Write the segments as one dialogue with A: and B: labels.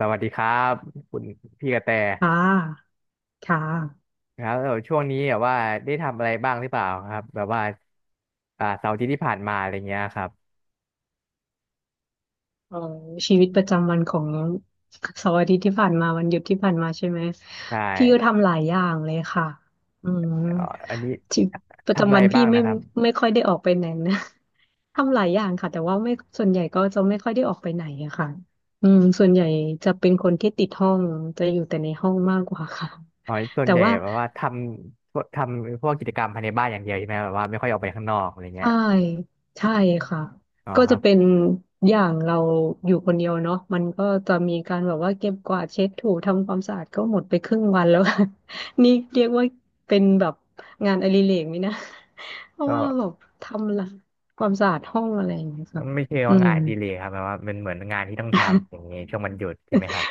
A: สวัสดีครับคุณพี่กระแต
B: ค่ะค่ะ
A: ครับแล้วช่วงนี้แบบว่าได้ทำอะไรบ้างหรือเปล่าครับแบบว่าเสาร์อาทิตย์ที่ผ่านมาอะไรเงี้ยครับ
B: เอ่อชีวิตประจำวันของเสาร์อาทิตย์ที่ผ่านมาวันหยุดที่ผ่านมาใช่ไหม
A: ใช่
B: พี่ก็ทำหลายอย่างเลยค่ะอืม
A: เอ่ออันนี้
B: ชีวิตประ
A: ทำอะ
B: จำ
A: ไร
B: วันพี่
A: บ้าง
B: ไม่
A: นะครับ
B: ไม่ค่อยได้ออกไปไหนนะ ทำหลายอย่างค่ะแต่ว่าไม่ส่วนใหญ่ก็จะไม่ค่อยได้ออกไปไหนอะค่ะอืมส่วนใหญ่จะเป็นคนที่ติดห้องจะอยู่แต่ในห้องมากกว่าค่ะ
A: อ๋อส่วน
B: แต่
A: ใหญ่
B: ว่า
A: แบบว่าทำพวกกิจกรรมภายในบ้านอย่างเดียวใช่ไหมแบบว่าไม่ค่อยออกไปข้างนอกอะไรเงี้ย
B: ใช่ ใช่ค่ะ
A: อ๋อ
B: ก็
A: ค
B: จะ
A: รับ
B: เป็นอย่างเราอยู่คนเดียวเนาะมันก็จะมีการแบบว่าเก็บกวาดเช็ดถูทำความสะอาดก็หมดไปครึ่งวันแล้ว นี่เรียกว่าเป็นแบบงานอดิเรกไหมนะ เพราะ
A: ก็
B: ว่าแบบทำละความสะอาดห้องอะไรอย่างเงี้ยค่ะ
A: ไม่ใช่ง
B: อื
A: ว่า
B: ม
A: งานอดีเลยครับแบบว่าเป็นเหมือนงานที่ต้องทำอย่างเงี้ยช่วงวันหยุดใช่ไหมครับ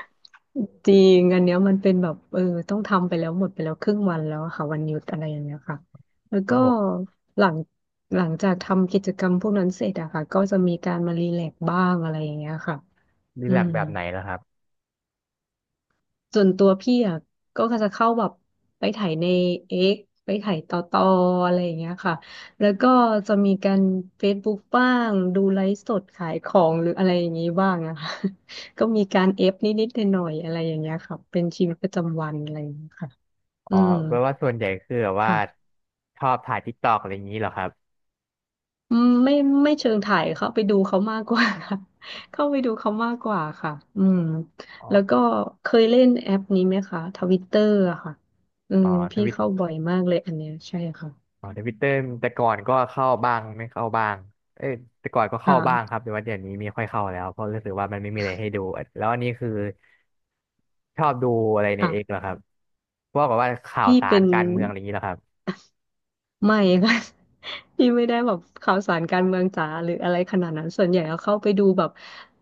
B: จริงอันเนี้ยมันเป็นแบบเออต้องทำไปแล้วหมดไปแล้วครึ่งวันแล้วอะค่ะวันหยุดอะไรอย่างเงี้ยค่ะแล้ว
A: ครับ
B: ก็
A: ผม
B: หลังหลังจากทำกิจกรรมพวกนั้นเสร็จอะค่ะก็จะมีการมารีแลกซ์บ้างอะไรอย่างเงี้ยค่ะ
A: รี
B: อื
A: แลก
B: ม
A: ซ์แบบไหนแล้วครับ
B: ส่วนตัวพี่อ่ะก็จะเข้าแบบไปถ่ายในเอ็กไปถ่ายต่ออะไรอย่างเงี้ยค่ะแล้วก็จะมีการ Facebook บ้างดูไลฟ์สดขายของหรืออะไรอย่างงี้บ้างอะค่ะ ก็มีการเอฟนิดๆหน่อยๆอะไรอย่างเงี้ยค่ะเป็นชีวิตประจำวันอะไรอย่างเงี้ยค่ะ
A: อ๋
B: อื
A: อ
B: ม
A: แปลว่าส่วนใหญ่คือแบบว่า
B: ค่ะ
A: ชอบถ่ายทิกตอกอะไรอย่างนี้เหรอครับ
B: อืมไม่เชิงถ่ายเข้าไปดูเขามากกว่า เข้าไปดูเขามากกว่าค่ะอืม
A: อ๋อ
B: แล้วก็เคยเล่นแอปนี้ไหมคะทวิตเตอร์อะค่ะอื
A: อ๋อ
B: ม
A: ท
B: พี่
A: วิต
B: เข้าบ่อยมากเลยอันเนี้ยใช่ค่ะ
A: อ๋อทวิตเตอร์แต่ก่อนก็เข้าบ้างไม่เข้าบ้างเอ้ยแต่ก่อนก็เข้าบ้างค
B: ค่ะ
A: รับแต่ว่าเดี๋ยวนี้ไม่ค่อยเข้าแล้วเพราะรู้สึกว่ามันไม่มีอะไรให้ดู แล้วอันนี้คือชอบดูอะไรในเอกเหร
B: ค่ะ
A: อครับพวกแบบว่าข่าว
B: พี่
A: สา
B: เป็
A: ร
B: น
A: การเมืองอะไรอย่างนี้เหรอครับ
B: ไม่ค่ะ พี่ไม่ได้แบบข่าวสารการเมืองจ๋าหรืออะไรขนาดนั้นส่วนใหญ่ก็เข้าไปดูแบบ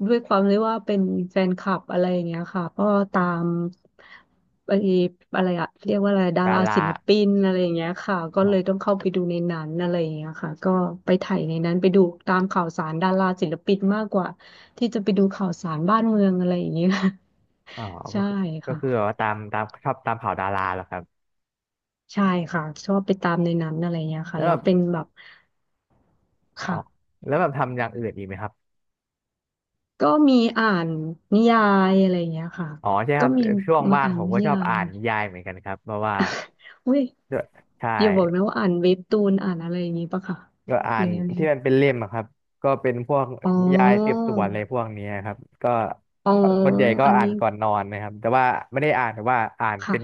B: ด้วยความที่ว่าเป็นแฟนคลับอะไรอย่างเงี้ยค่ะก็ตามไอ้อะไรอะเรียกว่าอะไรดา
A: ดา
B: รา
A: รา
B: ศิลปินอะไรอย่างเงี้ยค่ะก็
A: อ๋อ
B: เลยต้องเข้าไปดูในนั้นอะไรอย่างเงี้ยค่ะก็ไปถ่ายในนั้นไปดูตามข่าวสารดาราศิลปินมากกว่าที่จะไปดูข่าวสารบ้านเมืองอะไรอย่างเงี้ย
A: อ๋อ ก็
B: ใช่
A: คือ
B: ค่ะ
A: แบบว่าตามชอบตามข่าวดาราเหรอครับ
B: ใช่ค่ะชอบไปตามในนั้นอะไรเงี้ย
A: แล้
B: ค่ะ
A: วแบ
B: แล้ว
A: บ
B: เป็นแบบ
A: อ๋อ
B: ค่ะ
A: แล้วแบบทำอย่างอื่นอีกไหมครับ
B: ก็มีอ่านนิยายอะไรอย่างเงี้ยค่ะ
A: อ๋อใช่ค
B: ก็
A: รับ
B: มี
A: ช่วง
B: มา
A: ว่าง
B: อ่าน
A: ผม
B: นิ
A: ก็ชอบ
B: ยา
A: อ่า
B: ย
A: นนิยายเหมือนกันครับเพราะว่า
B: อุ้ย
A: ด้วยใช่
B: อย่าบอกนะว่าอ่านเว็บตูนอ่านอะไรอย่างงี้ปะค่ะ
A: ก็อ่า
B: หรื
A: น
B: อยังไง
A: ที่มันเป็นเล่มอะครับก็เป็นพวก
B: อ๋
A: นิยายสืบ
B: อ
A: สวนอะไรพวกเนี้ยครับก็
B: อ๋อ
A: ส่วนใหญ่ก็
B: อัน
A: อ่าน
B: นี้
A: ก่อนนอนนะครับแต่ว่าไม่ได้อ่านแต่ว่าอ่านเป็
B: ค่ะ
A: น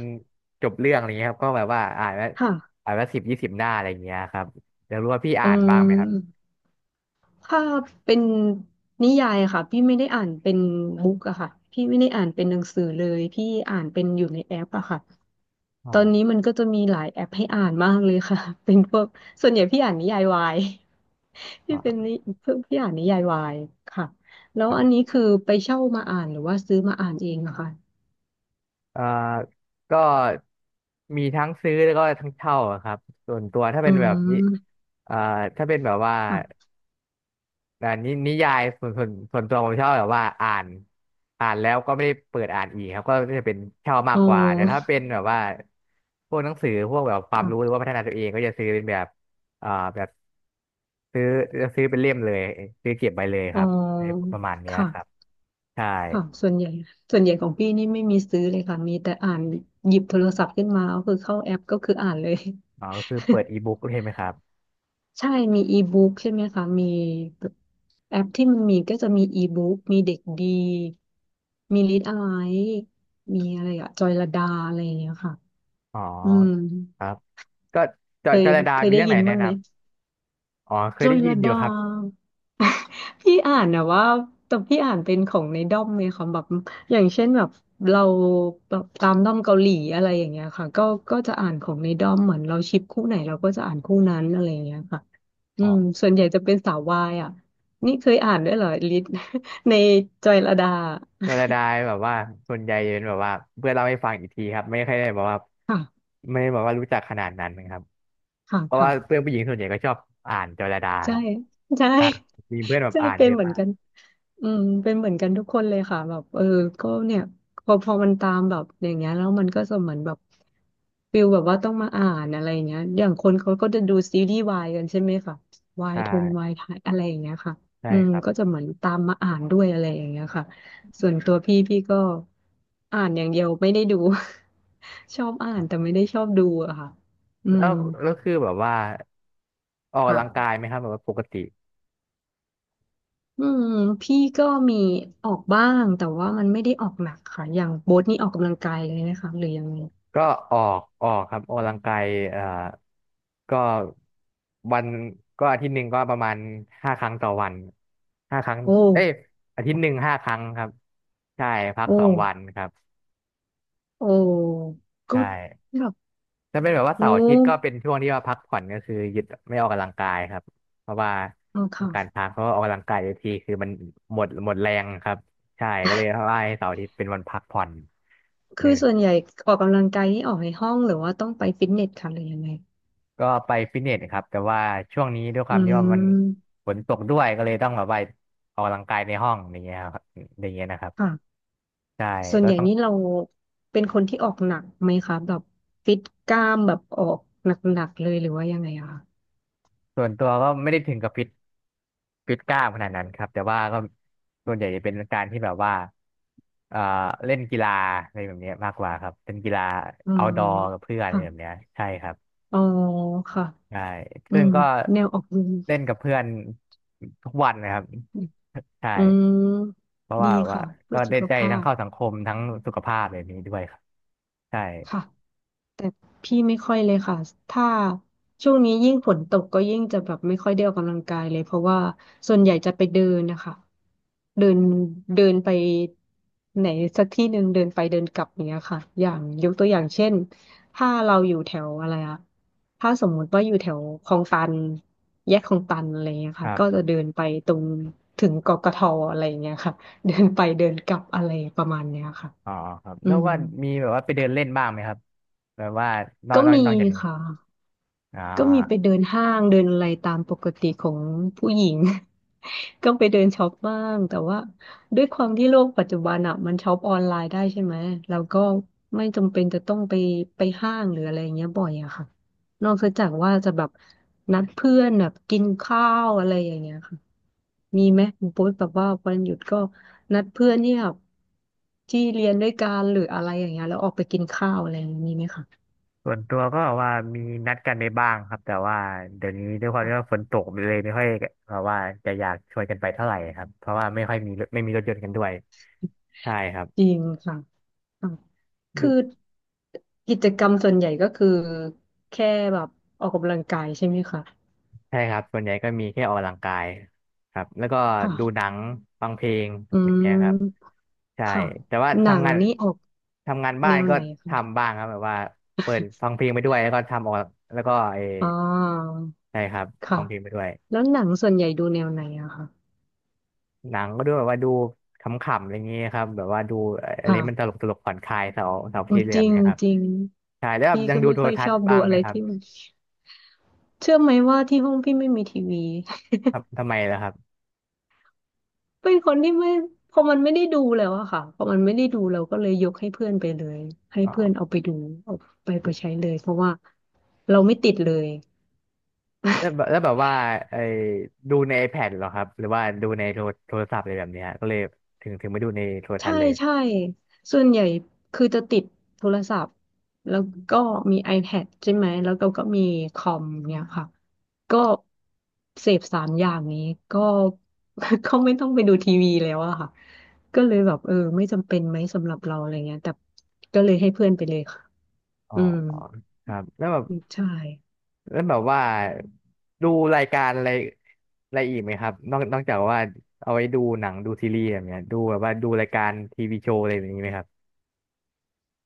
A: จบเรื่องอะไรเงี้ยครับก็แบบว่า
B: ค่ะ
A: อ่านแล้ว10-20 หน้าอะไรเงี้ยครับอยากรู้ว่าพี่
B: อ๋
A: อ่า
B: อ
A: นบ้างไหมครับ
B: ถ้าเป็นนิยายอะค่ะพี่ไม่ได้อ่านเป็นบุ๊กอะค่ะพี่ไม่ได้อ่านเป็นหนังสือเลยพี่อ่านเป็นอยู่ในแอปอะค่ะ
A: อ๋อ
B: ตอนนี้มันก็จะมีหลายแอปให้อ่านมากเลยค่ะ เป็นพวกส่วนใหญ่พี่อ่านนิยายวาย
A: อ๋
B: พี่เป็น
A: อ
B: นิเพิ่งพี่อ่านนิยายวายค่ะแล้ว
A: ครั
B: อัน
A: บ
B: นี้คือไปเช่ามาอ่านหรือว่าซื้อมาอ่านเองอะค่ะ
A: เอ่อก็มีทั้งซื้อแล้วก็ทั้งเช่าอะครับส่วนตัวถ้า
B: อื
A: เป็นแบบนี้
B: ม
A: เอ่อถ้าเป็นแบบว่า
B: ค่ะ
A: แต่นิยายส่วนตัวผมชอบแบบว่าอ่านแล้วก็ไม่ได้เปิดอ่านอีกครับก็จะเป็นเช่ามา
B: อ๋
A: กกว่าแต่ถ้า
B: อ
A: เป็นแบบว่าพวกหนังสือพวกแบบความรู้หรื
B: ค่ะ
A: อว่าพัฒนาตัวเองก็จะซื้อเป็นแบบอ่าแบบซื้อจะซื้อเป็นเล่มเลย ซื้อเก็บไว้เลยค
B: อ๋อ
A: รับประมาณเนี้ยครับ
B: ค่ะ
A: ใช่
B: ค่ะส่วนใหญ่ของพี่นี่ไม่มีซื้อเลยค่ะมีแต่อ่านหยิบโทรศัพท์ขึ้นมาก็คือเข้าแอปก็คืออ่านเลย
A: อ๋อก็คือเปิดอีบุ๊กใช่ไหมครับ
B: ใช่มีอีบุ๊กใช่ไหมคะมีแบบแอปที่มันมีก็จะมีอีบุ๊กมีเด็กดีมีลิดอะไรมีอะไรอะจอยลดาอะไรอย่างเงี้ยค่ะ
A: อ๋อ
B: อืม
A: ครับก็
B: เคย
A: จรดา
B: เคย
A: มี
B: ได้
A: เรื่องไห
B: ยิ
A: น
B: น
A: แนะ
B: บ้าง
A: น
B: ไหม
A: ำ อ๋อเค
B: จ
A: ย
B: อ
A: ได้
B: ยล
A: ยินอยู่
B: ดา
A: ครับ
B: พี่อ่านนะว่าแต่พี่อ่านเป็นของในด้อมเลยค่ะแบบอย่างเช่นแบบเราแบบตามด้อมเกาหลีอะไรอย่างเงี้ยค่ะก็จะอ่านของในด้อมเหมือนเราชิปคู่ไหนเราก็จะอ่านคู่นั้นอะไรอย่างเงี้ยค่ะอืมส่วนใหญ่จะเป็นสาววายอ่ะนี่เคยอ่านด้วยเหรอลิศ ในจอยลดา
A: โนราไดายแบบว่าส่วนใหญ่จะเป็นแบบว่าเพื่อนเล่าให้ฟังอีกทีครับไม่ค่อยได้แบบว่า
B: ค่ะ
A: ไม่ได้บอกว่ารู้จักขนาดนั้นครับ
B: ค่ะ
A: เพราะว่า
B: ค่ะ
A: เพื่อนผู้หญิงส่วนใหญ่ก็ชอบอ่านโนราไดาค
B: ใช่
A: รับ
B: ใช่
A: อ่ามีเพื่อนแบบ
B: ใช่
A: อ่าน
B: เป็
A: เย
B: น
A: อะ
B: เหมือน
A: มาก
B: กันอืมเป็นเหมือนกันทุกคนเลยค่ะแบบเออก็เนี่ยพอมันตามแบบอย่างเงี้ยแล้วมันก็จะเหมือนแบบฟิลแบบว่าต้องมาอ่านอะไรอย่างเงี้ยอย่างคนเขาก็จะดูซีรีส์วายกันใช่ไหมค่ะวาย
A: ใช่
B: ทงวายไทยอะไรอย่างเงี้ยค่ะ
A: ใช่
B: อืม
A: ครับ
B: ก็จะเหมือนตามมาอ่านด้วยอะไรอย่างเงี้ยค่ะส่วนตัวพี่ก็อ่านอย่างเดียวไม่ได้ดู ชอบอ่านแต่ไม่ได้ชอบดูอะค่ะอื
A: แล้
B: ม
A: วแล้วคือแบบว่าออก
B: ค
A: กำลังกาย
B: ่ะ
A: ไหมครับแบบว่าปกติ
B: อืมพี่ก็มีออกบ้างแต่ว่ามันไม่ได้ออกหนักค่ะอย่างโบ๊ทนี่ออกกำลังกายเลยนะคะหรือยังไง
A: ก็ออกครับออกกำลังกายเอ่อก็วันก็อาทิตย์หนึ่งก็ประมาณ5 ครั้งต่อวันห้าครั้ง
B: โอ
A: เอ้ย
B: ้
A: อาทิตย์หนึ่งห้าครั้งครับใช่พัก
B: โอ้
A: 2 วันครับ
B: โอ้
A: ใช
B: ก็
A: ่
B: แบบ
A: จะเป็นแบบว่า
B: โอ
A: เสาร์อาทิตย์ก็เป็
B: ้
A: นช่วงที่ว่าพักผ่อนก็คือหยุดไม่ออกกำลังกายครับเพราะว่า
B: อ๋อ
A: ต้อ
B: ค่ะ
A: งการพักเพราะว่าออกกำลังกายเยอะทีคือมันหมดแรงครับใช่ก็เลยว่าให้เสาร์อาทิตย์เป็นวันพักผ่อนเล
B: คื
A: ย
B: อ
A: แบบ
B: ส่วนใหญ่ออกกำลังกายนี่ออกในห้องหรือว่าต้องไปฟิตเนสค่ะหรือยังไง
A: ก็ไปฟิตเนสครับแต่ว่าช่วงนี้ด้วยค
B: อื
A: วามที่ว่ามัน
B: ม
A: ฝนตกด้วยก็เลยต้องแบบไปออกกำลังกายในห้องอย่างเงี้ยครับอย่างเงี้ยนะครับ
B: ค่ะ
A: ใช่
B: ส่วน
A: ก็
B: ใหญ่
A: ต้อง
B: นี่เราเป็นคนที่ออกหนักไหมคะแบบฟิตกล้ามแบบออกหนักๆเลยหรือว่ายังไงอะคะ
A: ส่วนตัวก็ไม่ได้ถึงกับฟิตกล้ามขนาดนั้นครับแต่ว่าก็ส่วนใหญ่จะเป็นการที่แบบว่าเอ่อเล่นกีฬาอะไรแบบเนี้ยมากกว่าครับเป็นกีฬา
B: อื
A: เอา
B: ม
A: ดอร์กับเพื่อนอะไร
B: ค่ะ
A: แบบเนี้ยใช่ครับ
B: อ๋อค่ะ
A: ใช่
B: อื
A: ซึ่ง
B: ม
A: ก็
B: แนวออกกำลั
A: เล่นกับเพื่อนทุกวันนะครับ
B: ง
A: ใช่
B: อืม
A: เพราะ
B: ดี
A: ว่า
B: ค่ะเพื่
A: ก็
B: อสุ
A: ได้
B: ข
A: ใจ
B: ภา
A: ทั้ง
B: พ
A: เข้าสังคมทั้งสุขภาพแบบนี้ด้วยครับใช่
B: ค่ะ แต่พี่ไม่ค่อยเลยค่ะถ้าช่วงนี้ยิ่งฝนตกก็ยิ่งจะแบบไม่ค่อยได้ออกกำลังกายเลยเพราะว่าส่วนใหญ่จะไปเดินนะคะเดินเดินไปไหนสักที่หนึ่งเดินไปเดินกลับอย่างเนี้ยค่ะอย่างยกตัวอย่างเช่นถ้าเราอยู่แถวอะไรอะถ้าสมมุติว่าอยู่แถวคลองตันแยกคลองตันอะไรเงี้ย
A: ค
B: ค่ะ
A: รั
B: ก็
A: บ
B: จะเดินไปตรงถึงกกทอะไรเงี้ยค่ะเดินไปเดินกลับอะไรประมาณเนี้ยค่ะ
A: อ๋อครับ
B: อื
A: แล้ว
B: ม
A: ว่ามีแบบว่าไปเดินเล่นบ้างไหมครับแบบว่า
B: ก็มี
A: นอกจากนี้
B: ค่ะ
A: อ๋
B: ก็มีไป
A: อ
B: เดินห้างเดินอะไรตามปกติของผู้หญิง ก็ไปเดินช็อปบ้างแต่ว่าด้วยความที่โลกปัจจุบันอ่ะมันช็อปออนไลน์ได้ใช่ไหมเราก็ไม่จำเป็นจะต้องไปห้างหรืออะไรอย่างเงี้ยบ่อยอะค่ะนอกจากว่าจะแบบนัดเพื่อนแบบกินข้าวอะไรอย่างเงี้ยค่ะมีไหมคุณโป๊ยแบบว่าวันหยุดก็นัดเพื่อนเนี่ยที่เรียนด้วยกันหรืออะไรอย่างเงี้ยแล้วออกไปกินข้าวอะไรอย่างงี้มีไหมคะ
A: ส่วนตัวก็ว่ามีนัดกันไปบ้างครับแต่ว่าเดี๋ยวนี้ด้วยความ
B: ค่ะ
A: ที่ว่าฝนตกเลยไม่ค่อยแบบว่าจะอยากชวนกันไปเท่าไหร่ครับเพราะว่าไม่ค่อยมีรถไม่มีรถยนต์กันด้วยใช่ครับ
B: จริงค่ะ อ่ะคือกิจกรรมส่วนใหญ่ก็คือแค่แบบออกกำลังกายใช่ไหมคะ
A: ใช่ครับส่วนใหญ่ก็มีแค่ออกกำลังกายครับแล้วก็
B: ค่ะ
A: ดูหนังฟังเพลง
B: อื
A: อะไรอย่างเงี้ยครับ
B: ม
A: ใช่
B: ค่ะ
A: แต่ว่า
B: หนังนี่ออก
A: ทำงานบ้า
B: แน
A: น
B: ว
A: ก็
B: ไหนคะ
A: ทำบ้างครับแบบว่าเปิดฟังเพลงไปด้วยแล้วก็ทำออกแล้วก็เออ
B: อ่า
A: ใช่ครับฟั
B: ค่ะ
A: งเพลงไปด้วย
B: แล้วหนังส่วนใหญ่ดูแนวไหนอะคะ
A: หนังก็ดูแบบว่าดูขำๆอะไรเงี้ยครับแบบว่าดูอะไรมันตล
B: ค่ะ
A: กตลกผ่อนคลายเสาร์เสาร์อาที่เหลี่
B: จ
A: ยม
B: ริง
A: เนี่ยครับ
B: จริง
A: ใช่แล้วแบบ
B: พี่
A: ยัง
B: ก็
A: ดู
B: ไม่
A: โท
B: ค่
A: ร
B: อย
A: ทั
B: ช
A: ศ
B: อ
A: น์
B: บดู
A: บ้าง
B: อะ
A: ไหม
B: ไร
A: ครับ
B: ที่มันเชื่อไหมว่าที่ห้องพี่ไม่มีทีวี
A: ทำไมล่ะครับ
B: เป็นคนที่ไม่พอมันไม่ได้ดูแล้วอะค่ะพอมันไม่ได้ดูเราก็เลยยกให้เพื่อนไปเลยให้
A: อ๋อ
B: เพื่อนเอาไปดูเอาไปใช้เลยเพราะว่าเราไม่ติดเลย
A: แล้วแบบว่าไอ้ดูใน iPad เหรอครับหรือว่าดูในโทรศัพท์อะไรแบบเนี้ยก็เลยถึงไม่ดูในโทรทั
B: ใช่
A: ศน์เลย
B: ใช่ส่วนใหญ่คือจะติดโทรศัพท์แล้วก็มี iPad ใช่ไหมแล้วเราก็มีคอมเนี่ยค่ะก็เสพสามอย่างนี้ก็ ก็ไม่ต้องไปดูทีวีแล้วอะค่ะก็เลยแบบเออไม่จำเป็นไหมสำหรับเราอะไรเงี้ยแต่ก็เลยให้เพื่อนไปเลยค่ะ
A: อ๋อ
B: อืม
A: ครับ
B: ใช่
A: แล้วแบบว่าดูรายการอะไรอะไรอีกไหมครับนอกจากว่าเอาไว้ดูหนังดูซีรีส์แบบเนี้ยดูแบบว่าดูรายการทีวีโชว์อะไรแบบนี้ไหมครับ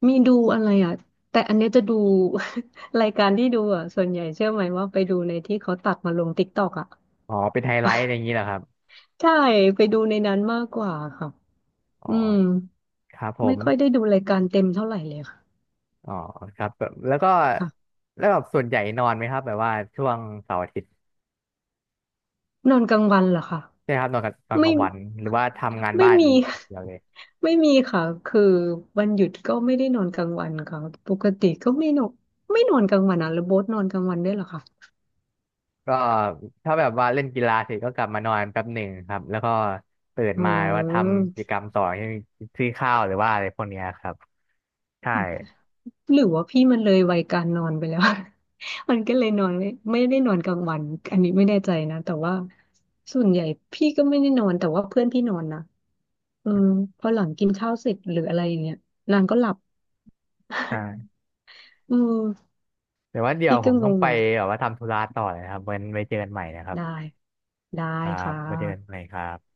B: มีดูอะไรอ่ะแต่อันเนี้ยจะดู รายการที่ดูอ่ะส่วนใหญ่เชื่อไหมว่าไปดูในที่เขาตัดมาลงติ๊กตอกอ่ะ
A: อ๋อเป็นไฮไล ท์อะไรอย่างนี้เหรอครับ
B: ใช่ไปดูในนั้นมากกว่าค่ะ
A: อ๋อ
B: อืม
A: ครับผ
B: ไม่
A: ม
B: ค่อยได้ดูรายการเต็มเท่าไหร่เลยค่ะ
A: อ๋อครับแบบแล้วก็
B: ค่ะ
A: แล้วแบบส่วนใหญ่นอนไหมครับแบบว่าช่วงเสาร์อาทิตย์
B: นอนกลางวันเหรอคะ
A: ใช่ครับนอนกับตอนก
B: ไม่
A: ลางวันหรือว่าทำงาน
B: ไม่
A: บ้านอย
B: มี
A: ่างเดียวเลย
B: ไม่มีค่ะคือวันหยุดก็ไม่ได้นอนกลางวันค่ะปกติก็ไม่นอนไม่นอนกลางวันอ่ะแล้วโบ๊ทนอนกลางวันด้วยเหรอคะ
A: ก็ถ้าแบบว่าเล่นกีฬาเสร็จก็กลับมานอนแป๊บหนึ่งครับแล้วก็ตื่น
B: อ๋
A: มาว่าท
B: อ
A: ำกิจกรรมต่อซื้อข้าวหรือว่าอะไรพวกเนี้ยครับใช่
B: หรือว่าพี่มันเลยวัยการนอนไปแล้ว มันก็เลยนอนไม่ได้นอนกลางวันอันนี้ไม่แน่ใจนะแต่ว่าส่วนใหญ่พี่ก็ไม่ได้นอนแต่ว่าเพื่อนพี่นอนนะเออพอหลังกินข้าวเสร็จหรืออะไรอย่างเงี้ยนางก็หลับ
A: ใช่
B: เออ
A: แต่ว่าเดี๋ยว
B: พี่
A: ผ
B: ก็
A: ม
B: ง
A: ต้อง
B: ง
A: ไป
B: เหมือน
A: แบบว่าทำธุระต่อเลยครับไว้เจอกันใหม่นะครับ
B: ได้ได้
A: ครับ
B: ค่ะ
A: ไว้เจอกันใหม่ครับ